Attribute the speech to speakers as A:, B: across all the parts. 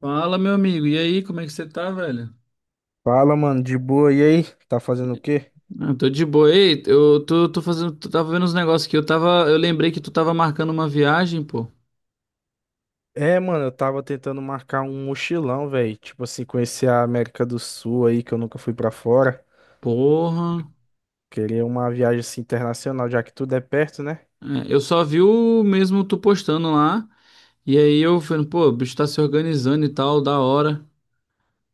A: Fala, meu amigo. E aí, como é que você tá, velho?
B: Fala, mano, de boa. E aí? Tá fazendo o quê?
A: Ah, tô de boa. Ei, eu tô fazendo. Tu tava vendo uns negócios aqui. Eu tava. Eu lembrei que tu tava marcando uma viagem, pô.
B: É, mano, eu tava tentando marcar um mochilão, velho. Tipo assim, conhecer a América do Sul aí, que eu nunca fui pra fora.
A: Porra.
B: Queria uma viagem assim internacional, já que tudo é perto, né?
A: É, eu só vi o mesmo tu postando lá. E aí eu falando, pô, o bicho tá se organizando e tal, da hora.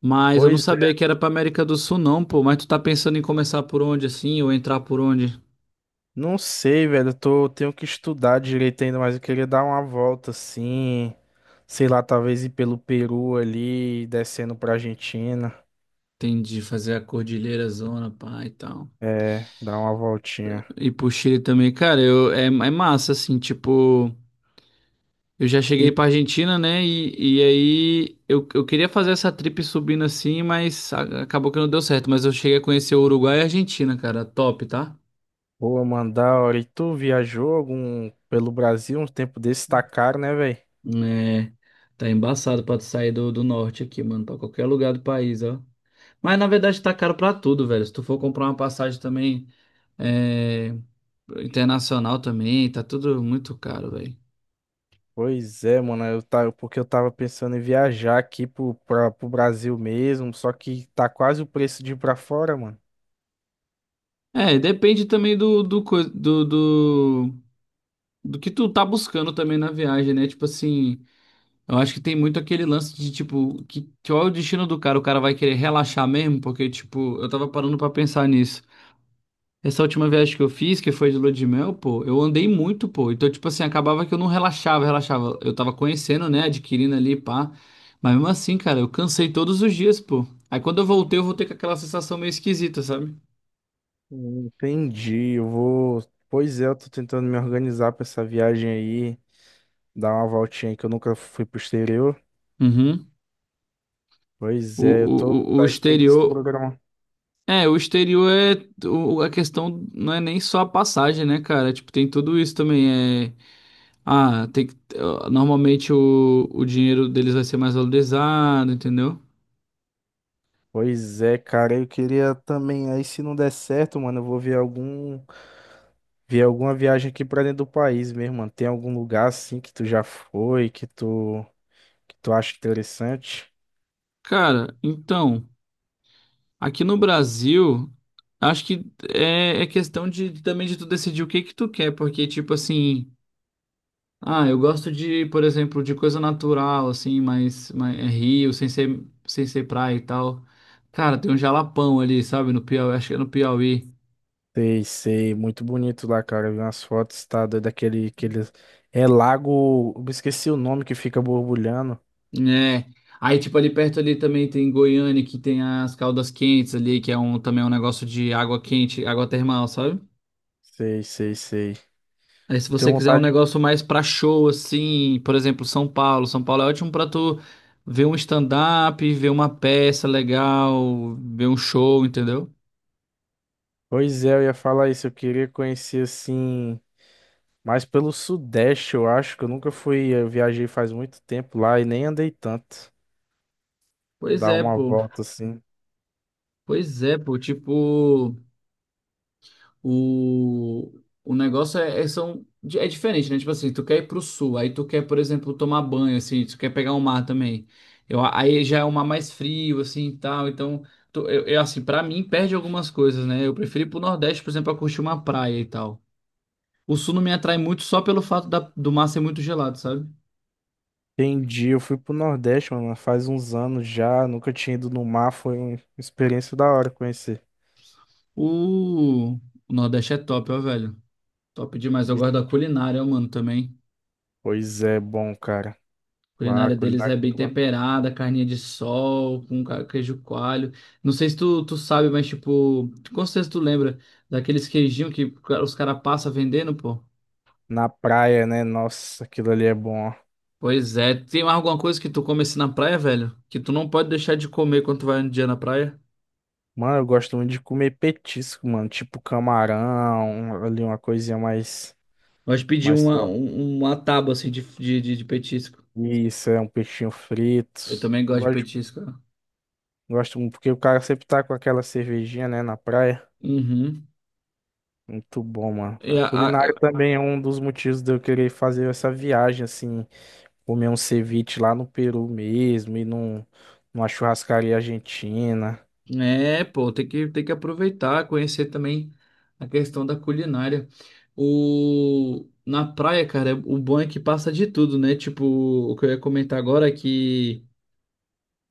A: Mas eu não
B: Pois
A: sabia
B: é.
A: que era pra América do Sul, não, pô. Mas tu tá pensando em começar por onde, assim, ou entrar por onde?
B: Não sei, velho. Tenho que estudar direito ainda, mas eu queria dar uma volta assim. Sei lá, talvez ir pelo Peru ali, descendo pra Argentina.
A: Entendi, fazer a Cordilheira Zona, pá, e tal.
B: É, dar uma voltinha.
A: E pro Chile também, cara, é massa, assim, tipo. Eu já cheguei
B: E
A: pra Argentina, né? E aí eu queria fazer essa trip subindo assim, mas acabou que não deu certo. Mas eu cheguei a conhecer o Uruguai e a Argentina, cara. Top, tá?
B: Boa, mano, da E tu viajou algum pelo Brasil um tempo desse? Tá caro, né, velho?
A: É, tá embaçado pra tu sair do norte aqui, mano. Pra qualquer lugar do país, ó. Mas na verdade tá caro pra tudo, velho. Se tu for comprar uma passagem também é, internacional também, tá tudo muito caro, velho.
B: Pois é, mano. Eu tava, porque eu tava pensando em viajar aqui pro Brasil mesmo, só que tá quase o preço de ir pra fora, mano.
A: É, depende também do, do, coi- do, do do que tu tá buscando também na viagem, né? Tipo assim. Eu acho que tem muito aquele lance de, tipo, que, qual é o destino do cara? O cara vai querer relaxar mesmo? Porque, tipo, eu tava parando pra pensar nisso. Essa última viagem que eu fiz, que foi de lua de mel, pô, eu andei muito, pô. Então, tipo assim, acabava que eu não relaxava. Eu tava conhecendo, né, adquirindo ali, pá. Mas mesmo assim, cara, eu cansei todos os dias, pô. Aí quando eu voltei com aquela sensação meio esquisita, sabe?
B: Entendi. Eu vou. Pois é, eu tô tentando me organizar pra essa viagem aí, dar uma voltinha aí que eu nunca fui pro exterior.
A: Uhum.
B: Pois
A: O,
B: é, eu tô.
A: o, o o
B: Vai ter que se
A: exterior.
B: programar.
A: É, o exterior é. A questão não é nem só a passagem, né, cara? Tipo, tem tudo isso também. É. Ah, tem que, normalmente o dinheiro deles vai ser mais valorizado, entendeu?
B: Pois é, cara, eu queria também. Aí se não der certo, mano, eu vou ver algum. Ver alguma viagem aqui pra dentro do país mesmo, mano. Tem algum lugar assim que tu já foi, que tu acha interessante?
A: Cara, então, aqui no Brasil, acho que é, é questão de também de tu decidir o que que tu quer, porque tipo assim, ah, eu gosto de, por exemplo, de coisa natural, assim, mais é rio, sem ser praia e tal. Cara, tem um jalapão ali, sabe, no Piauí, acho que é no Piauí.
B: Sei, sei, muito bonito lá, cara. Eu vi umas fotos, tá doido, aquele, é lago, eu esqueci o nome que fica borbulhando.
A: É. Aí, tipo, ali perto ali também tem Goiânia, que tem as caldas quentes ali, que é um, também é um negócio de água quente, água termal, sabe?
B: Sei, sei, sei.
A: Aí, se
B: Eu tenho
A: você quiser um
B: vontade de…
A: negócio mais pra show, assim, por exemplo, São Paulo. São Paulo é ótimo pra tu ver um stand-up, ver uma peça legal, ver um show, entendeu?
B: Pois é, eu ia falar isso, eu queria conhecer assim, mais pelo Sudeste, eu acho, que eu nunca fui, eu viajei faz muito tempo lá e nem andei tanto.
A: Pois
B: Dar
A: é,
B: uma
A: pô.
B: volta assim.
A: Pois é, pô. Tipo. o o negócio é é, são é diferente, né? Tipo assim, tu quer ir pro sul, aí tu quer, por exemplo, tomar banho assim, tu quer pegar o mar também. Eu, aí já é um mar mais frio assim e tal. Então, assim, para mim perde algumas coisas, né? Eu prefiro ir pro nordeste, por exemplo, para curtir uma praia e tal. O sul não me atrai muito só pelo fato da do mar ser muito gelado, sabe?
B: Entendi, eu fui pro Nordeste, mano, faz uns anos já, nunca tinha ido no mar, foi uma experiência da hora conhecer.
A: O o nordeste é top, ó, velho. Top demais. Eu
B: Bi-
A: gosto da culinária, ó, mano, também.
B: Pois é, bom, cara.
A: A
B: Lá,
A: culinária deles
B: culinária
A: é
B: é
A: bem
B: muito boa.
A: temperada, carninha de sol, com queijo coalho. Não sei se tu sabe, mas tipo, com certeza tu lembra daqueles queijinhos que os caras passam vendendo, pô.
B: Na praia, né? Nossa, aquilo ali é bom.
A: Pois é, tem mais alguma coisa que tu come assim na praia, velho? Que tu não pode deixar de comer quando tu vai um dia na praia?
B: Mano, eu gosto muito de comer petisco, mano, tipo camarão, ali uma coisinha mais
A: Gosto de pedir
B: mais sua.
A: uma tábua assim de petisco.
B: Isso, é um peixinho frito.
A: Eu também gosto de
B: Gosto,
A: petisco, ó.
B: gosto muito, porque o cara sempre tá com aquela cervejinha, né, na praia.
A: Uhum.
B: Muito bom, mano.
A: E
B: A
A: a,
B: culinária
A: a-
B: também é um dos motivos de eu querer fazer essa viagem, assim, comer um ceviche lá no Peru mesmo e numa churrascaria argentina.
A: É, pô, tem que aproveitar, conhecer também a questão da culinária. O... Na praia, cara, o bom é que passa de tudo, né? Tipo, o que eu ia comentar agora é que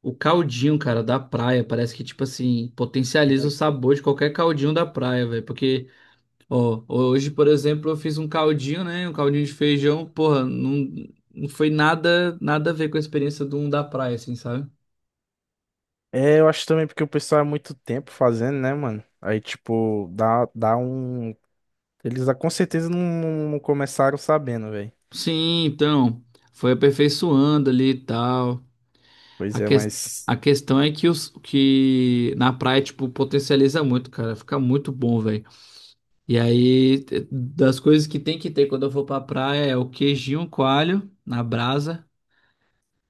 A: o caldinho, cara, da praia, parece que, tipo assim, potencializa
B: É,
A: o sabor de qualquer caldinho da praia, velho. Porque, ó, hoje, por exemplo, eu fiz um caldinho, né? Um caldinho de feijão, porra, não foi nada a ver com a experiência do um da praia, assim, sabe?
B: é, eu acho também porque o pessoal é muito tempo fazendo, né, mano? Aí, tipo, dá um. Com certeza não começaram sabendo, velho.
A: Sim, então, foi aperfeiçoando ali e tal.
B: Pois
A: A,
B: é,
A: ques-
B: mas.
A: a questão é que, os, que na praia, tipo, potencializa muito, cara. Fica muito bom, velho. E aí, das coisas que tem que ter quando eu for pra praia é o queijinho coalho na brasa.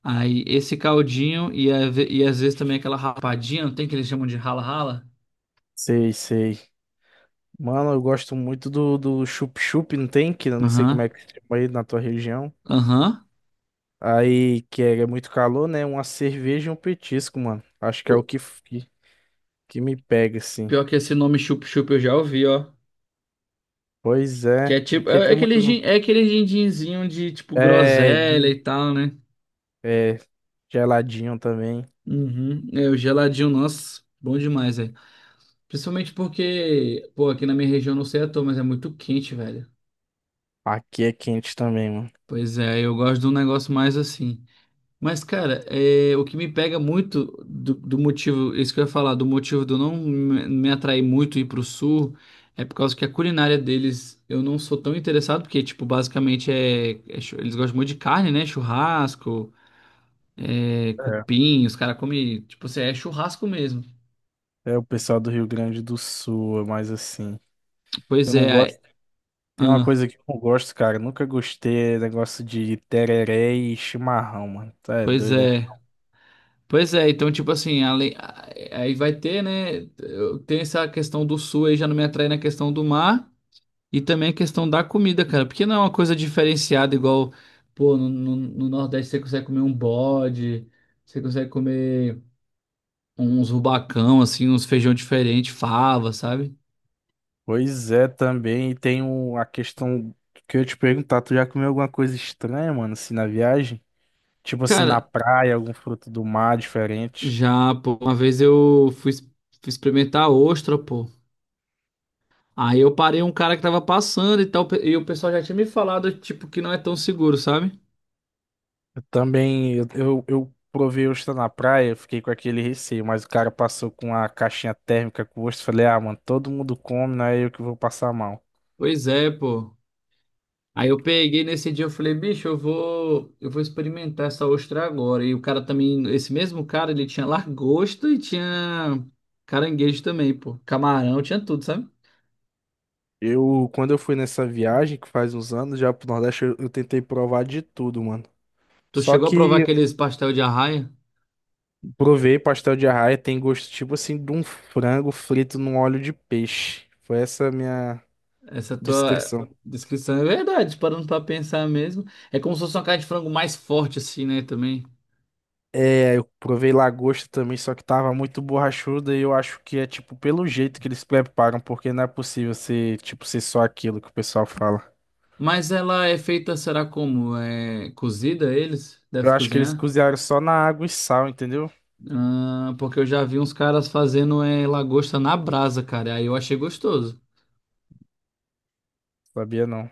A: Aí, esse caldinho e, e às vezes também aquela rapadinha, não tem que eles chamam de rala-rala?
B: Sei, sei. Mano, eu gosto muito do chup-chup, não tem? Que eu não sei como é
A: Aham,
B: que se chama aí na tua região.
A: aham.
B: Aí, que é, é muito calor, né? Uma cerveja e um petisco, mano. Acho que é o
A: O-
B: que, que me pega, assim.
A: Pior que esse nome chup-chup eu já ouvi, ó.
B: Pois
A: Que
B: é.
A: é
B: É
A: tipo,
B: porque
A: é
B: tem
A: aquele,
B: muito.
A: é aquele gindinzinho de, tipo,
B: É,
A: groselha
B: de-
A: e tal, né?
B: é, geladinho também.
A: Uhum. É, o geladinho, nossa, bom demais, velho. Principalmente porque, pô, aqui na minha região não sei à toa, mas é muito quente, velho.
B: Aqui é quente também, mano.
A: Pois é, eu gosto de um negócio mais assim. Mas, cara, é, o que me pega muito do motivo, isso que eu ia falar, do motivo de eu não me atrair muito ir pro sul, é por causa que a culinária deles eu não sou tão interessado, porque, tipo, basicamente eles gostam muito de carne, né? Churrasco, é,
B: É.
A: cupim, os caras comem, tipo, assim, é churrasco mesmo.
B: É o pessoal do Rio Grande do Sul, é mais assim. Eu
A: Pois
B: não gosto.
A: é,
B: Tem uma
A: ah,
B: coisa que eu não gosto, cara. Nunca gostei, é negócio de tereré e chimarrão, mano. Tá é
A: Pois
B: doido, é?
A: é. Pois é, então, tipo assim, aí vai ter, né? Tem essa questão do sul, aí já não me atrai na questão do mar e também a questão da comida, cara. Porque não é uma coisa diferenciada igual, pô, no Nordeste você consegue comer um bode, você consegue comer uns rubacão, assim, uns feijão diferente, fava, sabe?
B: Pois é, também e tem a questão que eu ia te perguntar, tu já comeu alguma coisa estranha, mano, assim, na viagem? Tipo assim, na
A: Cara,
B: praia, algum fruto do mar diferente.
A: já, pô, uma vez eu fui, fui experimentar a ostra, pô. Aí eu parei um cara que tava passando e tal, e o pessoal já tinha me falado, tipo, que não é tão seguro, sabe?
B: Eu também, eu provei ostra na praia, eu fiquei com aquele receio, mas o cara passou com a caixinha térmica com ostra, eu falei, ah, mano, todo mundo come, não é eu que vou passar mal.
A: Pois é, pô. Aí eu peguei nesse dia, eu falei, bicho, eu vou experimentar essa ostra agora. E o cara também, esse mesmo cara, ele tinha lagosta e tinha caranguejo também, pô. Camarão, tinha tudo, sabe?
B: Eu, quando eu fui nessa viagem, que faz uns anos, já pro Nordeste, eu tentei provar de tudo, mano.
A: Tu
B: Só
A: chegou a provar
B: que
A: aqueles pastel de arraia?
B: provei pastel de arraia, tem gosto tipo assim de um frango frito num óleo de peixe. Foi essa a minha
A: Essa tua
B: descrição.
A: descrição é verdade, parando pra pensar mesmo. É como se fosse uma carne de frango mais forte, assim, né, também.
B: É, eu provei lagosta também, só que tava muito borrachuda e eu acho que é tipo pelo jeito que eles preparam, porque não é possível ser tipo ser só aquilo que o pessoal fala.
A: Mas ela é feita, será como? É cozida eles?
B: Eu
A: Deve
B: acho que eles
A: cozinhar?
B: cozinharam só na água e sal, entendeu?
A: Ah, porque eu já vi uns caras fazendo é, lagosta na brasa, cara. E aí eu achei gostoso.
B: Sabia não.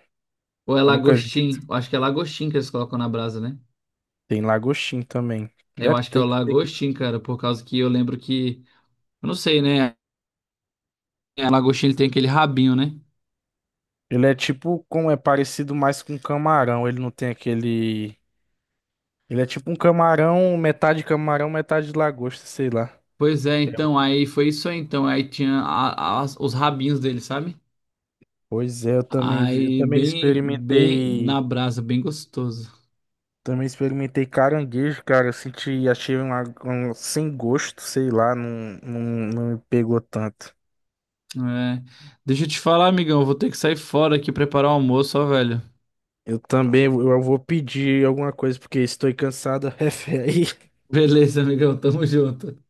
A: Ou é
B: Nunca vi.
A: lagostim? Eu acho que é lagostim que eles colocam na brasa, né?
B: Tem lagostim também.
A: Eu
B: Deve
A: acho que é
B: ter
A: o
B: que ter que.
A: lagostim, cara, por causa que eu lembro que. Eu não sei, né? A lagostim ele tem aquele rabinho, né?
B: Ele é tipo, como é parecido mais com camarão, ele não tem aquele… Ele é tipo um camarão, metade lagosta, sei lá.
A: Pois é,
B: É.
A: então, aí foi isso aí, então. Aí tinha os rabinhos dele, sabe?
B: Pois é, eu também,
A: Aí bem, bem na brasa, bem gostoso.
B: também experimentei caranguejo, cara. Eu senti, achei um, um sem gosto, sei lá, não me pegou tanto.
A: É. Deixa eu te falar, amigão, eu vou ter que sair fora aqui preparar o almoço, ó, velho.
B: Eu também, eu vou pedir alguma coisa porque estou cansado, refé.
A: Beleza, amigão, tamo junto.